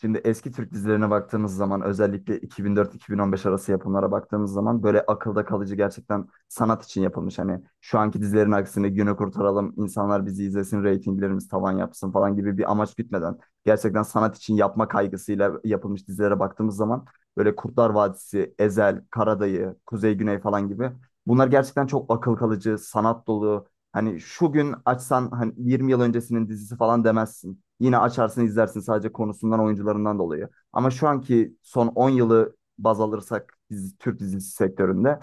Şimdi eski Türk dizilerine baktığımız zaman özellikle 2004-2015 arası yapımlara baktığımız zaman böyle akılda kalıcı gerçekten sanat için yapılmış. Hani şu anki dizilerin aksine günü kurtaralım, insanlar bizi izlesin, reytinglerimiz tavan yapsın falan gibi bir amaç gütmeden gerçekten sanat için yapma kaygısıyla yapılmış dizilere baktığımız zaman böyle Kurtlar Vadisi, Ezel, Karadayı, Kuzey Güney falan gibi bunlar gerçekten çok akıl kalıcı, sanat dolu. Hani şu gün açsan hani 20 yıl öncesinin dizisi falan demezsin. Yine açarsın izlersin sadece konusundan oyuncularından dolayı. Ama şu anki son 10 yılı baz alırsak dizi, Türk dizisi sektöründe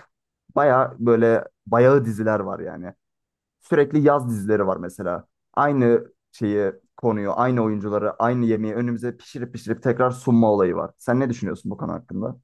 baya böyle bayağı diziler var yani. Sürekli yaz dizileri var mesela. Aynı şeyi konuyu, aynı oyuncuları, aynı yemeği önümüze pişirip pişirip tekrar sunma olayı var. Sen ne düşünüyorsun bu konu hakkında?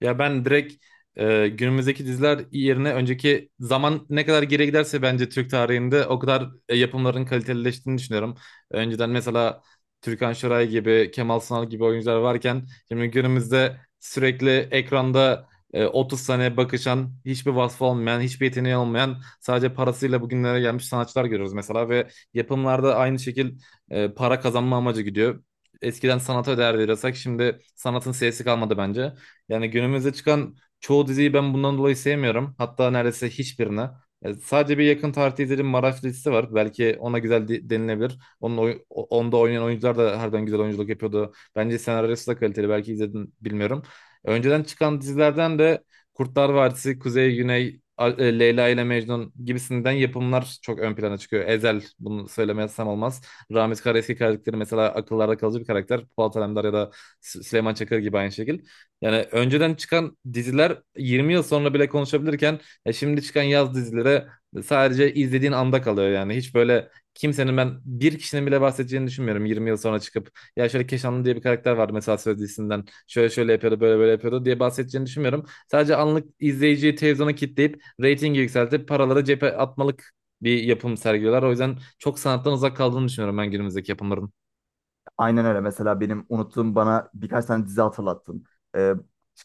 Ya ben direkt günümüzdeki diziler yerine önceki zaman ne kadar geriye giderse bence Türk tarihinde o kadar yapımların kalitelileştiğini düşünüyorum. Önceden mesela Türkan Şoray gibi, Kemal Sunal gibi oyuncular varken şimdi günümüzde sürekli ekranda 30 sene bakışan, hiçbir vasfı olmayan, hiçbir yeteneği olmayan, sadece parasıyla bugünlere gelmiş sanatçılar görüyoruz mesela ve yapımlarda aynı şekil para kazanma amacı gidiyor. Eskiden sanata değer veriyorsak şimdi sanatın sesi kalmadı bence. Yani günümüzde çıkan çoğu diziyi ben bundan dolayı sevmiyorum. Hatta neredeyse hiçbirini. Sadece bir yakın tarihte izlediğim Maraş dizisi var. Belki ona güzel denilebilir. Onun onda oynayan oyuncular da harbiden güzel oyunculuk yapıyordu. Bence senaryosu da kaliteli. Belki izledin bilmiyorum. Önceden çıkan dizilerden de Kurtlar Vadisi, Kuzey Güney, Leyla ile Mecnun gibisinden yapımlar çok ön plana çıkıyor. Ezel bunu söylemezsem olmaz. Ramiz Karaeski karakteri mesela akıllarda kalıcı bir karakter. Polat Alemdar ya da Süleyman Çakır gibi aynı şekil. Yani önceden çıkan diziler 20 yıl sonra bile konuşabilirken ya şimdi çıkan yaz dizilere sadece izlediğin anda kalıyor yani. Hiç böyle kimsenin ben bir kişinin bile bahsedeceğini düşünmüyorum 20 yıl sonra çıkıp ya şöyle Keşanlı diye bir karakter vardı mesela Söz dizisinden şöyle şöyle yapıyordu böyle böyle yapıyordu diye bahsedeceğini düşünmüyorum. Sadece anlık izleyiciyi televizyona kitleyip reytingi yükseltip paraları cebe atmalık bir yapım sergiliyorlar. O yüzden çok sanattan uzak kaldığını düşünüyorum ben günümüzdeki yapımların. Aynen öyle. Mesela benim unuttuğum bana birkaç tane dizi hatırlattın. Ee,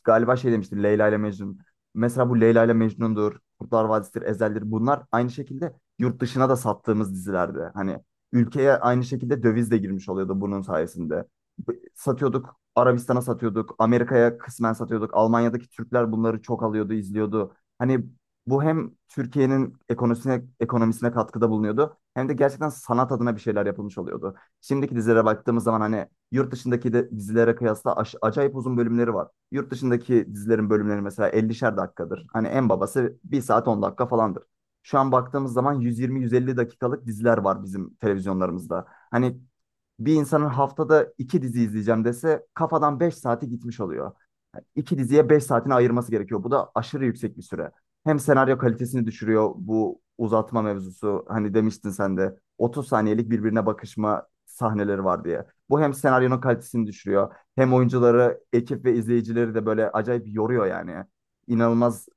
Galiba şey demiştin Leyla ile Mecnun. Mesela bu Leyla ile Mecnun'dur, Kurtlar Vadisi'dir, Ezel'dir. Bunlar aynı şekilde yurt dışına da sattığımız dizilerdi. Hani ülkeye aynı şekilde döviz de girmiş oluyordu bunun sayesinde. Satıyorduk, Arabistan'a satıyorduk, Amerika'ya kısmen satıyorduk. Almanya'daki Türkler bunları çok alıyordu, izliyordu. Hani bu hem Türkiye'nin ekonomisine, ekonomisine katkıda bulunuyordu hem de gerçekten sanat adına bir şeyler yapılmış oluyordu. Şimdiki dizilere baktığımız zaman hani yurt dışındaki de dizilere kıyasla acayip uzun bölümleri var. Yurt dışındaki dizilerin bölümleri mesela ellişer dakikadır. Hani en babası bir saat 10 dakika falandır. Şu an baktığımız zaman 120-150 dakikalık diziler var bizim televizyonlarımızda. Hani bir insanın haftada iki dizi izleyeceğim dese kafadan 5 saati gitmiş oluyor. Yani İki diziye 5 saatini ayırması gerekiyor. Bu da aşırı yüksek bir süre. Hem senaryo kalitesini düşürüyor bu uzatma mevzusu. Hani demiştin sen de 30 saniyelik birbirine bakışma sahneleri var diye. Bu hem senaryonun kalitesini düşürüyor, hem oyuncuları, ekip ve izleyicileri de böyle acayip yoruyor yani. İnanılmaz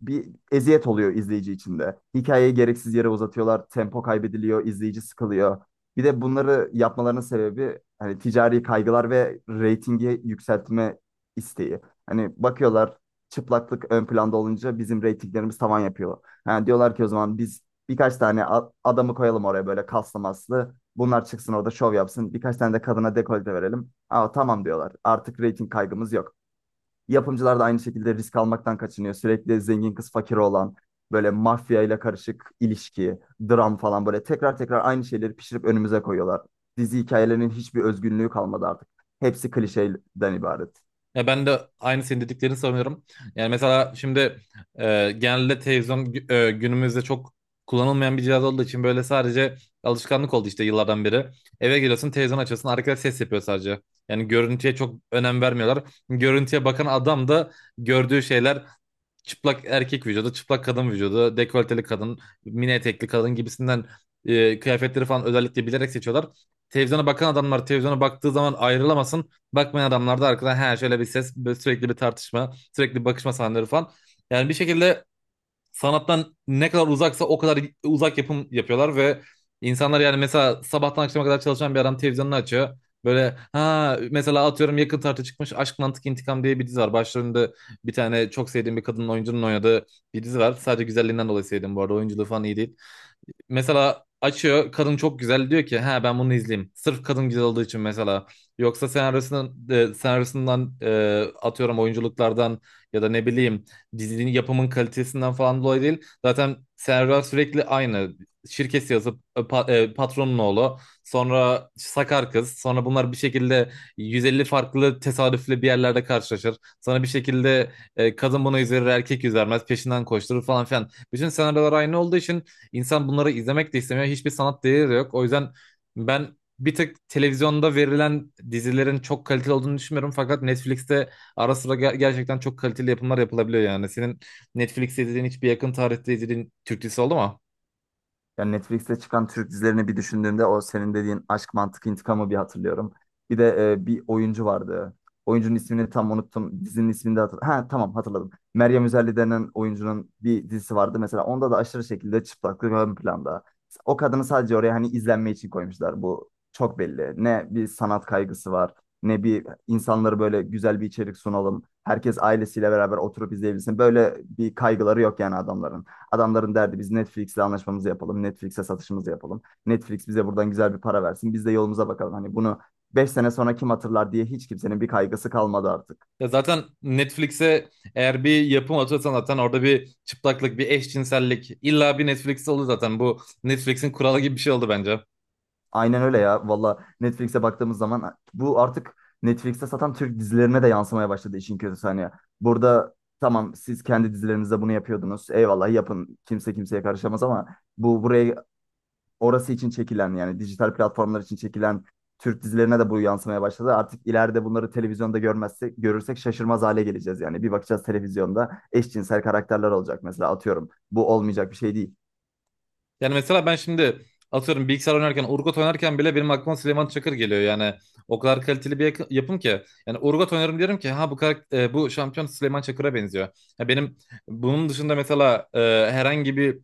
bir eziyet oluyor izleyici için de. Hikayeyi gereksiz yere uzatıyorlar, tempo kaybediliyor, izleyici sıkılıyor. Bir de bunları yapmalarının sebebi hani ticari kaygılar ve reytingi yükseltme isteği. Hani bakıyorlar çıplaklık ön planda olunca bizim reytinglerimiz tavan yapıyor. Ha, diyorlar ki o zaman biz birkaç tane adamı koyalım oraya böyle kaslı maslı. Bunlar çıksın orada şov yapsın. Birkaç tane de kadına dekolte verelim. Aa, tamam diyorlar. Artık reyting kaygımız yok. Yapımcılar da aynı şekilde risk almaktan kaçınıyor. Sürekli zengin kız fakir olan böyle mafya ile karışık ilişki, dram falan böyle tekrar tekrar aynı şeyleri pişirip önümüze koyuyorlar. Dizi hikayelerinin hiçbir özgünlüğü kalmadı artık. Hepsi klişeden ibaret. Ya ben de aynı senin dediklerini sanıyorum. Yani mesela şimdi genelde televizyon günümüzde çok kullanılmayan bir cihaz olduğu için böyle sadece alışkanlık oldu işte yıllardan beri. Eve geliyorsun televizyon açıyorsun arkada ses yapıyor sadece. Yani görüntüye çok önem vermiyorlar. Görüntüye bakan adam da gördüğü şeyler çıplak erkek vücudu, çıplak kadın vücudu, dekolteli kadın, mini etekli kadın gibisinden kıyafetleri falan özellikle bilerek seçiyorlar. Televizyona bakan adamlar televizyona baktığı zaman ayrılamasın. Bakmayan adamlar da arkadan he şöyle bir ses, böyle sürekli bir tartışma, sürekli bir bakışma sahneleri falan. Yani bir şekilde sanattan ne kadar uzaksa o kadar uzak yapım yapıyorlar ve insanlar yani mesela sabahtan akşama kadar çalışan bir adam televizyonunu açıyor. Böyle ha mesela atıyorum yakın tartı çıkmış Aşk Mantık İntikam diye bir dizi var. Başlarında bir tane çok sevdiğim bir kadının oyuncunun oynadığı bir dizi var. Sadece güzelliğinden dolayı sevdim bu arada. Oyunculuğu falan iyi değil mesela açıyor kadın çok güzel diyor ki ha ben bunu izleyeyim. Sırf kadın güzel olduğu için mesela. Yoksa senaryosundan atıyorum oyunculuklardan ya da ne bileyim dizinin yapımın kalitesinden falan dolayı değil. Zaten senaryolar sürekli aynı. Şirkesi yazıp patronun oğlu sonra sakar kız sonra bunlar bir şekilde 150 farklı tesadüfle bir yerlerde karşılaşır. Sonra bir şekilde kadın bunu üzerir erkek üzermez peşinden koşturur falan filan. Bütün senaryolar aynı olduğu için İnsan bunları izlemek de istemiyor. Hiçbir sanat değeri de yok. O yüzden ben bir tık televizyonda verilen dizilerin çok kaliteli olduğunu düşünmüyorum. Fakat Netflix'te ara sıra gerçekten çok kaliteli yapımlar yapılabiliyor yani. Senin Netflix'te izlediğin hiçbir yakın tarihte izlediğin Türk dizisi oldu mu? Yani Netflix'te çıkan Türk dizilerini bir düşündüğümde o senin dediğin Aşk Mantık İntikamı bir hatırlıyorum. Bir de bir oyuncu vardı. Oyuncunun ismini tam unuttum. Dizinin ismini de hatırladım. Ha tamam hatırladım. Meryem Üzerli denen oyuncunun bir dizisi vardı. Mesela onda da aşırı şekilde çıplaklık ön planda. O kadını sadece oraya hani izlenme için koymuşlar. Bu çok belli. Ne bir sanat kaygısı var. Ne bir insanları böyle güzel bir içerik sunalım. Herkes ailesiyle beraber oturup izleyebilsin. Böyle bir kaygıları yok yani adamların. Adamların derdi biz Netflix'le anlaşmamızı yapalım. Netflix'e satışımızı yapalım. Netflix bize buradan güzel bir para versin. Biz de yolumuza bakalım. Hani bunu 5 sene sonra kim hatırlar diye hiç kimsenin bir kaygısı kalmadı artık. Ya zaten Netflix'e eğer bir yapım atıyorsan zaten orada bir çıplaklık, bir eşcinsellik illa bir Netflix'te olur zaten. Bu Netflix'in kuralı gibi bir şey oldu bence. Aynen öyle ya. Valla Netflix'e baktığımız zaman bu artık Netflix'te satan Türk dizilerine de yansımaya başladı işin kötüsü hani. Burada tamam siz kendi dizilerinizde bunu yapıyordunuz. Eyvallah yapın. Kimse kimseye karışamaz ama bu buraya orası için çekilen yani dijital platformlar için çekilen Türk dizilerine de bu yansımaya başladı. Artık ileride bunları televizyonda görmezsek, görürsek şaşırmaz hale geleceğiz yani. Bir bakacağız televizyonda eşcinsel karakterler olacak mesela atıyorum. Bu olmayacak bir şey değil. Yani mesela ben şimdi atıyorum bilgisayar oynarken, Urgot oynarken bile benim aklıma Süleyman Çakır geliyor. Yani o kadar kaliteli bir yapım ki. Yani Urgot oynarım diyorum ki ha bu şampiyon Süleyman Çakır'a benziyor. Ya benim bunun dışında mesela herhangi bir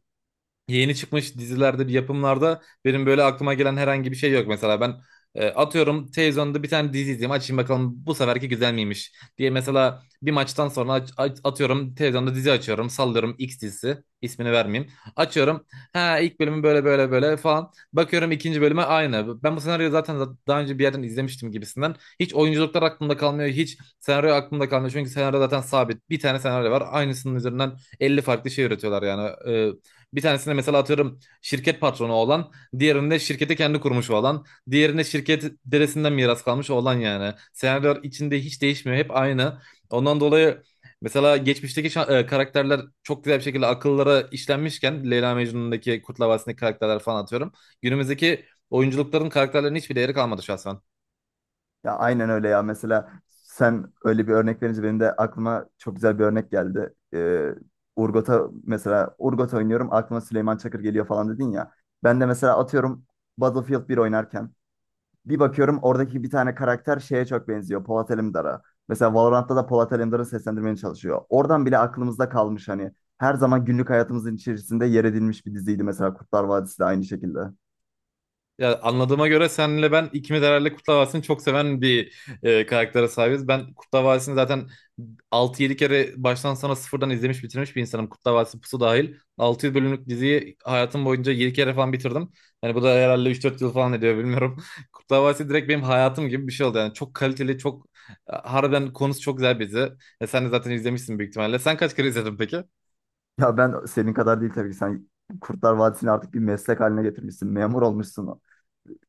yeni çıkmış dizilerde, bir yapımlarda benim böyle aklıma gelen herhangi bir şey yok. Mesela ben atıyorum televizyonda bir tane dizi izleyeyim açayım bakalım bu seferki güzel miymiş diye mesela bir maçtan sonra atıyorum televizyonda dizi açıyorum sallıyorum X dizisi ismini vermeyeyim. Açıyorum ha ilk bölümü böyle böyle böyle falan bakıyorum ikinci bölüme aynı. Ben bu senaryoyu zaten daha önce bir yerden izlemiştim gibisinden. Hiç oyunculuklar aklımda kalmıyor hiç senaryo aklımda kalmıyor çünkü senaryo zaten sabit bir tane senaryo var aynısının üzerinden 50 farklı şey üretiyorlar yani. Bir tanesinde mesela atıyorum şirket patronu olan, diğerinde şirketi kendi kurmuş olan, diğerinde şirket dedesinden miras kalmış olan yani. Senaryo içinde hiç değişmiyor, hep aynı. Ondan dolayı mesela geçmişteki karakterler çok güzel bir şekilde akıllara işlenmişken Leyla Mecnun'daki Kurtlar Vadisi'ndeki karakterler falan atıyorum. Günümüzdeki oyunculukların karakterlerinin hiçbir değeri kalmadı şahsen. Ya aynen öyle ya mesela sen öyle bir örnek verince benim de aklıma çok güzel bir örnek geldi. Urgot'a mesela Urgot oynuyorum aklıma Süleyman Çakır geliyor falan dedin ya. Ben de mesela atıyorum Battlefield bir oynarken bir bakıyorum oradaki bir tane karakter şeye çok benziyor. Polat Alemdar'a. Mesela Valorant'ta da Polat Alemdar'ı seslendirmeye çalışıyor. Oradan bile aklımızda kalmış hani. Her zaman günlük hayatımızın içerisinde yer edilmiş bir diziydi mesela Kurtlar Vadisi de aynı şekilde. Ya anladığıma göre senle ben ikimiz herhalde Kurtlar Vadisi'ni çok seven bir karaktere sahibiz. Ben Kurtlar Vadisi'ni zaten altı yedi kere baştan sona sıfırdan izlemiş bitirmiş bir insanım. Kurtlar Vadisi Pusu dahil. 600 bölümlük diziyi hayatım boyunca 7 kere falan bitirdim. Yani bu da herhalde üç dört yıl falan ediyor bilmiyorum. Kurtlar Vadisi direkt benim hayatım gibi bir şey oldu. Yani çok kaliteli, çok harbiden konusu çok güzel bir dizi. Sen de zaten izlemişsin büyük ihtimalle. Sen kaç kere izledin peki? Ya ben senin kadar değil tabii ki sen Kurtlar Vadisi'ni artık bir meslek haline getirmişsin. Memur olmuşsun.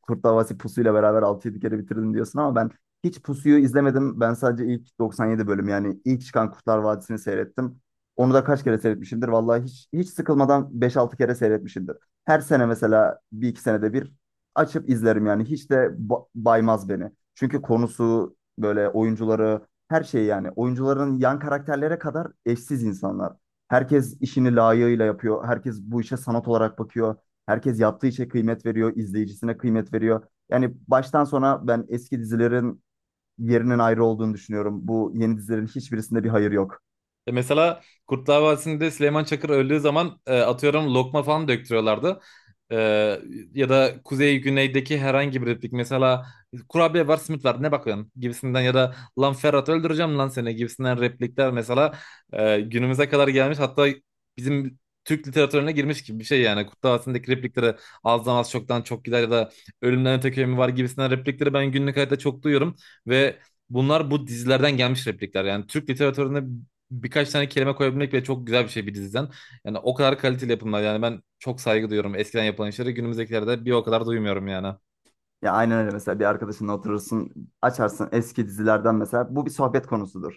Kurtlar Vadisi pusuyla beraber altı yedi kere bitirdim diyorsun ama ben hiç pusuyu izlemedim. Ben sadece ilk 97 bölüm yani ilk çıkan Kurtlar Vadisi'ni seyrettim. Onu da kaç kere seyretmişimdir. Vallahi hiç hiç sıkılmadan beş altı kere seyretmişimdir. Her sene mesela bir iki senede bir açıp izlerim yani. Hiç de baymaz beni. Çünkü konusu böyle oyuncuları her şey yani. Oyuncuların yan karakterlere kadar eşsiz insanlar. Herkes işini layığıyla yapıyor. Herkes bu işe sanat olarak bakıyor. Herkes yaptığı işe kıymet veriyor, izleyicisine kıymet veriyor. Yani baştan sona ben eski dizilerin yerinin ayrı olduğunu düşünüyorum. Bu yeni dizilerin hiçbirisinde bir hayır yok. Mesela Kurtlar Vadisi'nde Süleyman Çakır öldüğü zaman atıyorum lokma falan döktürüyorlardı. E, ya da Kuzey Güneydeki herhangi bir replik mesela kurabiye var simit var ne bakıyorsun gibisinden ya da lan Ferhat öldüreceğim lan seni gibisinden replikler mesela günümüze kadar gelmiş hatta bizim Türk literatürüne girmiş gibi bir şey yani Kurtlar Vadisi'ndeki replikleri azdan az çoktan çok gider ya da ölümden öte köy mü var gibisinden replikleri ben günlük hayatta çok duyuyorum ve bunlar bu dizilerden gelmiş replikler. Yani Türk literatüründe birkaç tane kelime koyabilmek bile çok güzel bir şey bir diziden. Yani o kadar kaliteli yapımlar. Yani ben çok saygı duyuyorum eskiden yapılan işleri. Günümüzdekilerde bir o kadar duymuyorum yani. Ya aynen öyle mesela bir arkadaşınla oturursun, açarsın eski dizilerden mesela. Bu bir sohbet konusudur.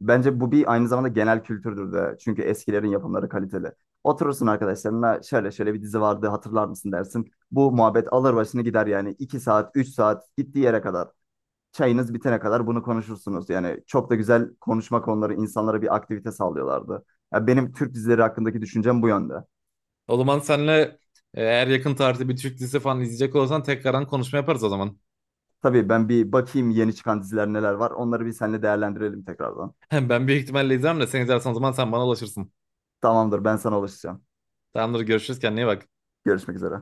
Bence bu bir aynı zamanda genel kültürdür de. Çünkü eskilerin yapımları kaliteli. Oturursun arkadaşlarına şöyle şöyle bir dizi vardı hatırlar mısın dersin. Bu muhabbet alır başını gider yani 2 saat, 3 saat gittiği yere kadar. Çayınız bitene kadar bunu konuşursunuz. Yani çok da güzel konuşma konuları insanlara bir aktivite sağlıyorlardı. Ya benim Türk dizileri hakkındaki düşüncem bu yönde. O zaman senle eğer yakın tarihte bir Türk dizisi falan izleyecek olursan tekrardan konuşma yaparız o zaman. Tabii ben bir bakayım yeni çıkan diziler neler var. Onları bir seninle değerlendirelim tekrardan. Ben büyük ihtimalle izlerim de sen izlersen o zaman sen bana ulaşırsın. Tamamdır, ben sana ulaşacağım. Tamamdır görüşürüz kendine iyi bak. Görüşmek üzere.